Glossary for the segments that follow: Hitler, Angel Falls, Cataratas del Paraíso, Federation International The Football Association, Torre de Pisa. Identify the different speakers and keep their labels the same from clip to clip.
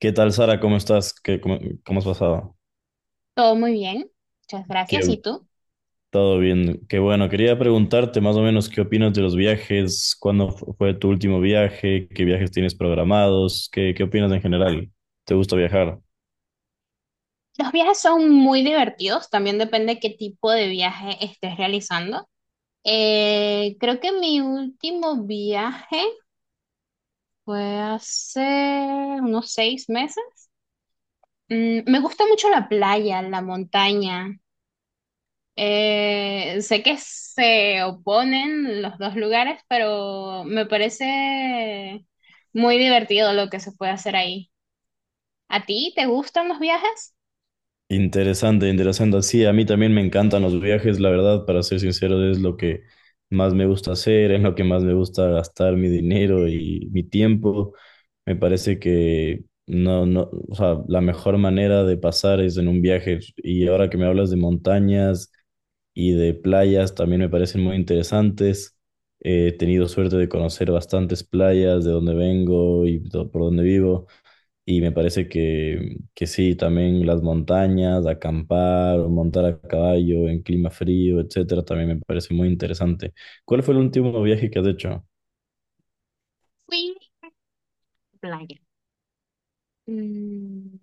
Speaker 1: ¿Qué tal, Sara? ¿Cómo estás? ¿Cómo has pasado?
Speaker 2: Todo muy bien, muchas gracias.
Speaker 1: Qué,
Speaker 2: ¿Y tú?
Speaker 1: Todo bien. Qué bueno. Quería preguntarte más o menos qué opinas de los viajes, cuándo fue tu último viaje, qué viajes tienes programados, qué opinas en general. ¿Te gusta viajar?
Speaker 2: Los viajes son muy divertidos, también depende qué tipo de viaje estés realizando. Creo que mi último viaje fue hace unos 6 meses. Mm, me gusta mucho la playa, la montaña. Sé que se oponen los dos lugares, pero me parece muy divertido lo que se puede hacer ahí. ¿A ti te gustan los viajes?
Speaker 1: Interesante, interesante. Sí, a mí también me encantan los viajes, la verdad, para ser sincero, es lo que más me gusta hacer, es lo que más me gusta gastar mi dinero y mi tiempo. Me parece que no, o sea, la mejor manera de pasar es en un viaje. Y ahora que me hablas de montañas y de playas, también me parecen muy interesantes. He tenido suerte de conocer bastantes playas de donde vengo y por donde vivo. Y me parece que sí, también las montañas, acampar o montar a caballo en clima frío, etcétera, también me parece muy interesante. ¿Cuál fue el último viaje que has hecho?
Speaker 2: Fui a la playa. Mm.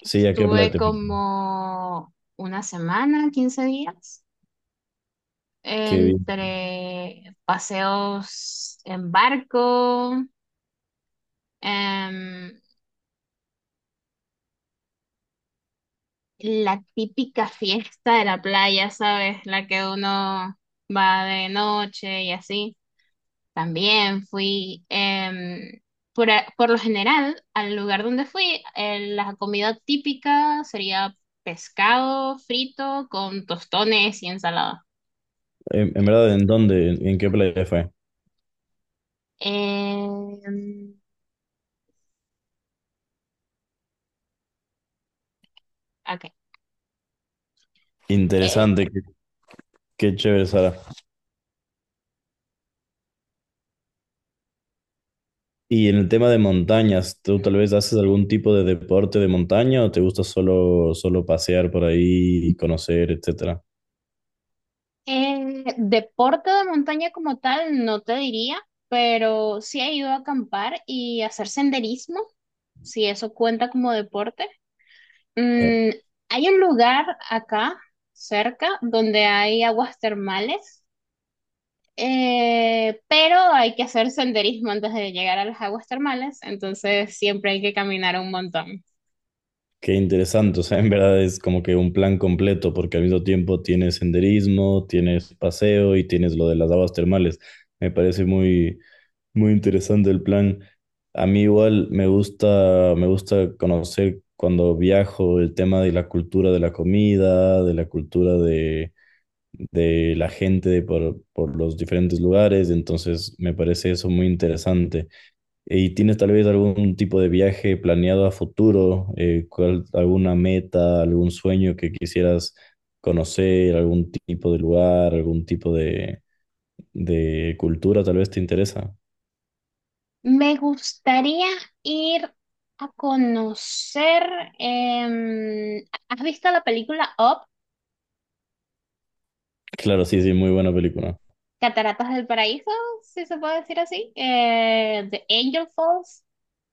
Speaker 1: Sí, ¿a qué playa
Speaker 2: Estuve
Speaker 1: te fuiste?
Speaker 2: como una semana, 15 días,
Speaker 1: Qué
Speaker 2: entre paseos en barco, em, la típica fiesta de la playa, ¿sabes? La que uno va de noche y así. También fui, por lo general, al lugar donde fui, la comida típica sería pescado frito con tostones y ensalada.
Speaker 1: En verdad, ¿en dónde? ¿En qué playa fue?
Speaker 2: Em, ok. Eh,
Speaker 1: Interesante, qué chévere, Sara. Y en el tema de montañas, ¿tú tal vez haces algún tipo de deporte de montaña o te gusta solo pasear por ahí, conocer, etcétera?
Speaker 2: deporte de montaña como tal, no te diría, pero sí he ido a acampar y hacer senderismo, si eso cuenta como deporte.
Speaker 1: Eh,
Speaker 2: Mm, hay un lugar acá cerca donde hay aguas termales, pero hay que hacer senderismo antes de llegar a las aguas termales, entonces siempre hay que caminar un montón.
Speaker 1: Qué interesante, o sea, en verdad es como que un plan completo porque al mismo tiempo tienes senderismo, tienes paseo y tienes lo de las aguas termales. Me parece muy, Muy interesante el plan. A mí igual me gusta conocer cuando viajo el tema de la cultura de la comida, de la cultura de la gente de por los diferentes lugares, entonces me parece eso muy interesante. ¿Y tienes tal vez algún tipo de viaje planeado a futuro? Alguna meta, algún sueño que quisieras conocer, algún tipo de lugar, algún tipo de cultura tal vez te interesa?
Speaker 2: Me gustaría ir a conocer. ¿Has visto la película Up?
Speaker 1: Claro, sí, sí, muy buena película.
Speaker 2: Cataratas del Paraíso, si se puede decir así. The Angel Falls.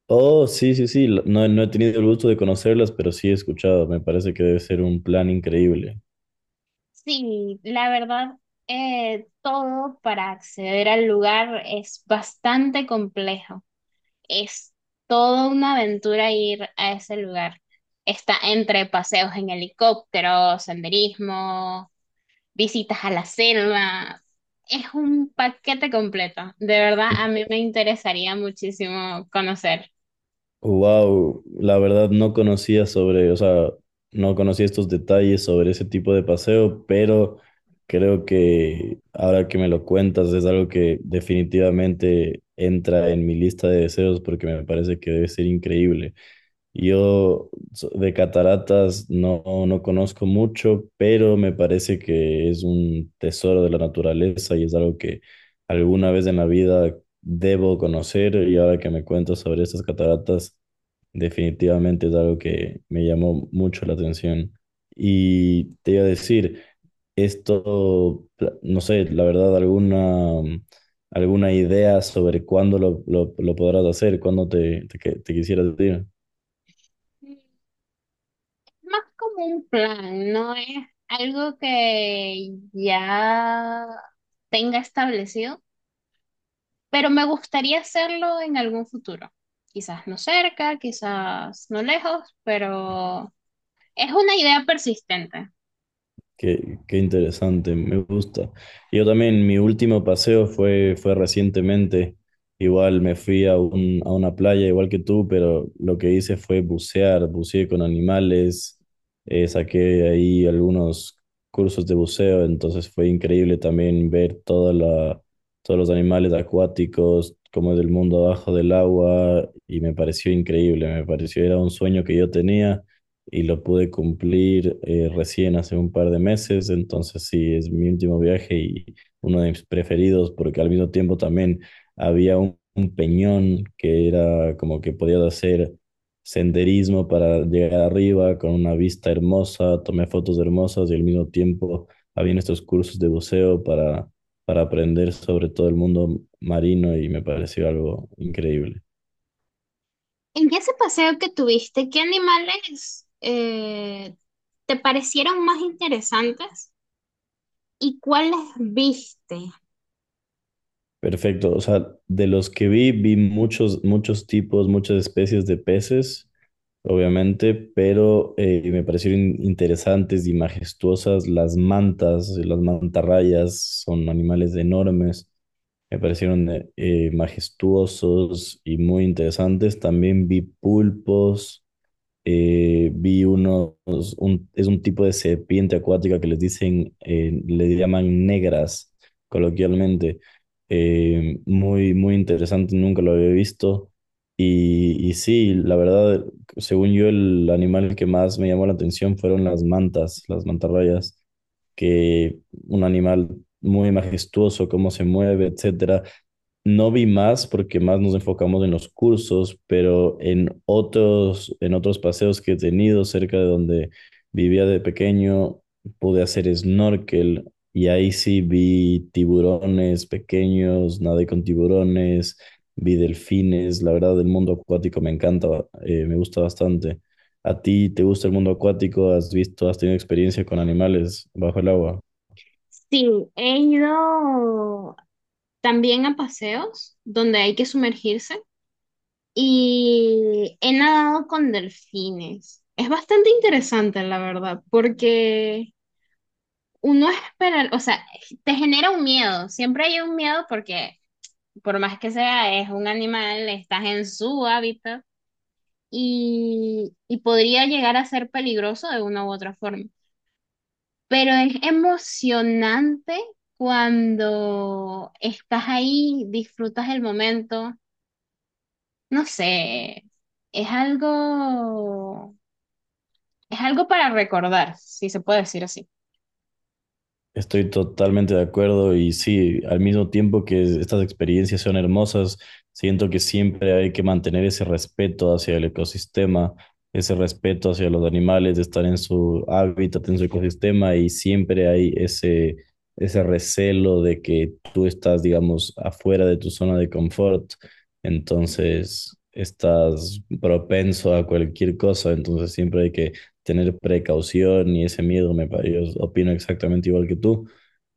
Speaker 1: Oh, sí, sí, sí. No, no he tenido el gusto de conocerlas, pero sí he escuchado. Me parece que debe ser un plan increíble.
Speaker 2: Sí, la verdad, todo para acceder al lugar es bastante complejo. Es toda una aventura ir a ese lugar. Está entre paseos en helicóptero, senderismo, visitas a las selvas. Es un paquete completo. De verdad, a mí me interesaría muchísimo conocer.
Speaker 1: Wow, la verdad no conocía sobre, o sea, no conocía estos detalles sobre ese tipo de paseo, pero creo que ahora que me lo cuentas es algo que definitivamente entra en mi lista de deseos porque me parece que debe ser increíble. Yo de cataratas no conozco mucho, pero me parece que es un tesoro de la naturaleza y es algo que alguna vez en la vida debo conocer y ahora que me cuento sobre estas cataratas, definitivamente es algo que me llamó mucho la atención. Y te iba a decir, esto, no sé, la verdad, alguna idea sobre cuándo lo podrás hacer, cuándo te quisieras ir.
Speaker 2: Más como un plan, no es algo que ya tenga establecido, pero me gustaría hacerlo en algún futuro. Quizás no cerca, quizás no lejos, pero es una idea persistente.
Speaker 1: Qué interesante, me gusta. Yo también, mi último paseo fue recientemente. Igual me fui a, a una playa, igual que tú, pero lo que hice fue bucear, buceé con animales, saqué ahí algunos cursos de buceo, entonces fue increíble también ver toda todos los animales acuáticos, cómo es el mundo abajo del agua, y me pareció increíble, me pareció era un sueño que yo tenía y lo pude cumplir recién hace un par de meses, entonces sí, es mi último viaje y uno de mis preferidos porque al mismo tiempo también había un peñón que era como que podías hacer senderismo para llegar arriba con una vista hermosa, tomé fotos hermosas y al mismo tiempo había estos cursos de buceo para aprender sobre todo el mundo marino y me pareció algo increíble.
Speaker 2: En ese paseo que tuviste, ¿qué animales te parecieron más interesantes? ¿Y cuáles viste?
Speaker 1: Perfecto. O sea, de los que vi, vi muchos tipos, muchas especies de peces, obviamente, pero me parecieron interesantes y majestuosas las mantas, las mantarrayas, son animales enormes. Me parecieron majestuosos y muy interesantes. También vi pulpos, eh, vi unos, es un tipo de serpiente acuática que les dicen, le llaman negras coloquialmente. Muy interesante, nunca lo había visto. Y sí, la verdad, según yo, el animal que más me llamó la atención fueron las mantas, las mantarrayas que un animal muy majestuoso, cómo se mueve, etcétera. No vi más porque más nos enfocamos en los cursos, pero en otros paseos que he tenido cerca de donde vivía de pequeño, pude hacer snorkel y ahí sí vi tiburones pequeños, nadé con tiburones, vi delfines, la verdad el mundo acuático me encanta, me gusta bastante. ¿A ti te gusta el mundo acuático? ¿Has visto, has tenido experiencia con animales bajo el agua?
Speaker 2: Sí, he ido también a paseos donde hay que sumergirse y he nadado con delfines. Es bastante interesante, la verdad, porque uno espera, o sea, te genera un miedo, siempre hay un miedo porque por más que sea, es un animal, estás en su hábitat y podría llegar a ser peligroso de una u otra forma. Pero es emocionante cuando estás ahí, disfrutas el momento. No sé, es algo, es algo para recordar, si se puede decir así.
Speaker 1: Estoy totalmente de acuerdo y sí, al mismo tiempo que estas experiencias son hermosas, siento que siempre hay que mantener ese respeto hacia el ecosistema, ese respeto hacia los animales, de estar en su hábitat, en su ecosistema y siempre hay ese recelo de que tú estás, digamos, afuera de tu zona de confort, entonces estás propenso a cualquier cosa, entonces siempre hay que tener precaución y ese miedo, yo opino exactamente igual que tú.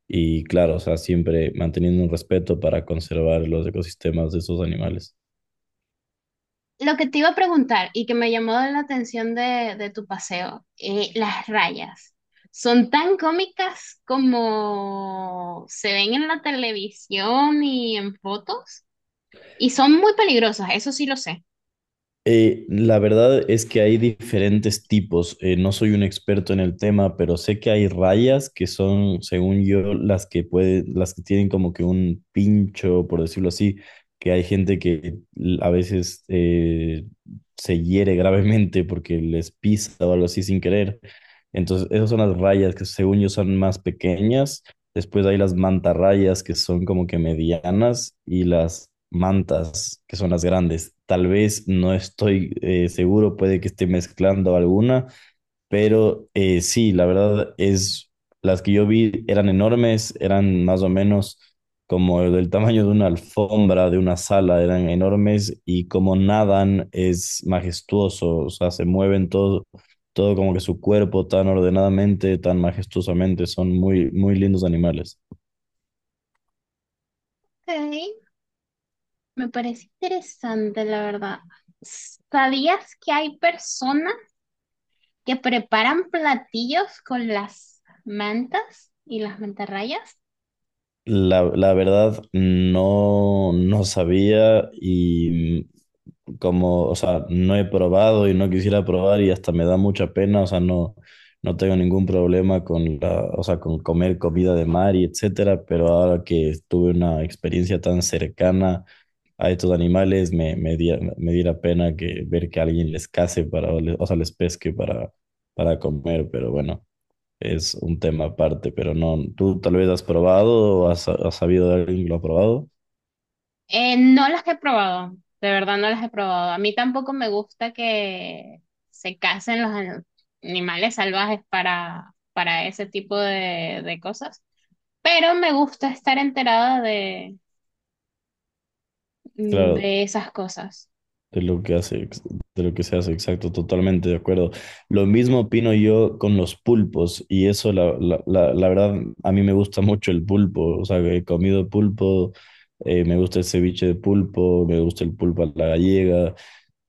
Speaker 1: Y claro, o sea, siempre manteniendo un respeto para conservar los ecosistemas de esos animales.
Speaker 2: Lo que te iba a preguntar y que me llamó la atención de tu paseo, las rayas. ¿Son tan cómicas como se ven en la televisión y en fotos? Y son muy peligrosas, eso sí lo sé.
Speaker 1: La verdad es que hay diferentes tipos. No soy un experto en el tema, pero sé que hay rayas que son, según yo, las las que tienen como que un pincho, por decirlo así, que hay gente que a veces se hiere gravemente porque les pisa o algo así sin querer. Entonces, esas son las rayas que según yo son más pequeñas. Después hay las mantarrayas, que son como que medianas, y las mantas, que son las grandes. Tal vez no estoy seguro, puede que esté mezclando alguna, pero sí, la verdad es, las que yo vi eran enormes, eran más o menos como del tamaño de una alfombra, de una sala, eran enormes y como nadan es majestuoso, o sea, se mueven todo como que su cuerpo tan ordenadamente, tan majestuosamente, son muy lindos animales.
Speaker 2: Ok. Me parece interesante, la verdad. ¿Sabías que hay personas que preparan platillos con las mantas y las mantarrayas?
Speaker 1: La verdad no sabía y como, o sea, no he probado y no quisiera probar y hasta me da mucha pena, o sea, no, no tengo ningún problema con o sea, con comer comida de mar y etcétera, pero ahora que tuve una experiencia tan cercana a estos animales, me diera pena que ver que alguien les case o sea, les pesque para comer, pero bueno. Es un tema aparte, pero no, tú tal vez has probado o has sabido de alguien que lo ha probado.
Speaker 2: No las he probado, de verdad no las he probado. A mí tampoco me gusta que se casen los animales salvajes para ese tipo de cosas, pero me gusta estar enterada
Speaker 1: Claro,
Speaker 2: de esas cosas.
Speaker 1: De lo que hace, ex- de lo que se hace, exacto, totalmente de acuerdo. Lo mismo opino yo con los pulpos, y eso la verdad, a mí me gusta mucho el pulpo, o sea, he comido pulpo, me gusta el ceviche de pulpo, me gusta el pulpo a la gallega,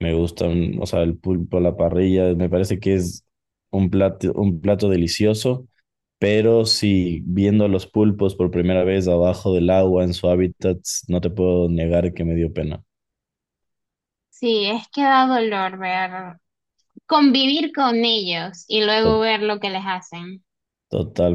Speaker 1: me gusta, o sea, el pulpo a la parrilla, me parece que es un plato delicioso, pero si viendo a los pulpos por primera vez abajo del agua en su hábitat, no te puedo negar que me dio pena.
Speaker 2: Sí, es que da dolor ver convivir con ellos y luego ver lo que les hacen.
Speaker 1: Totalmente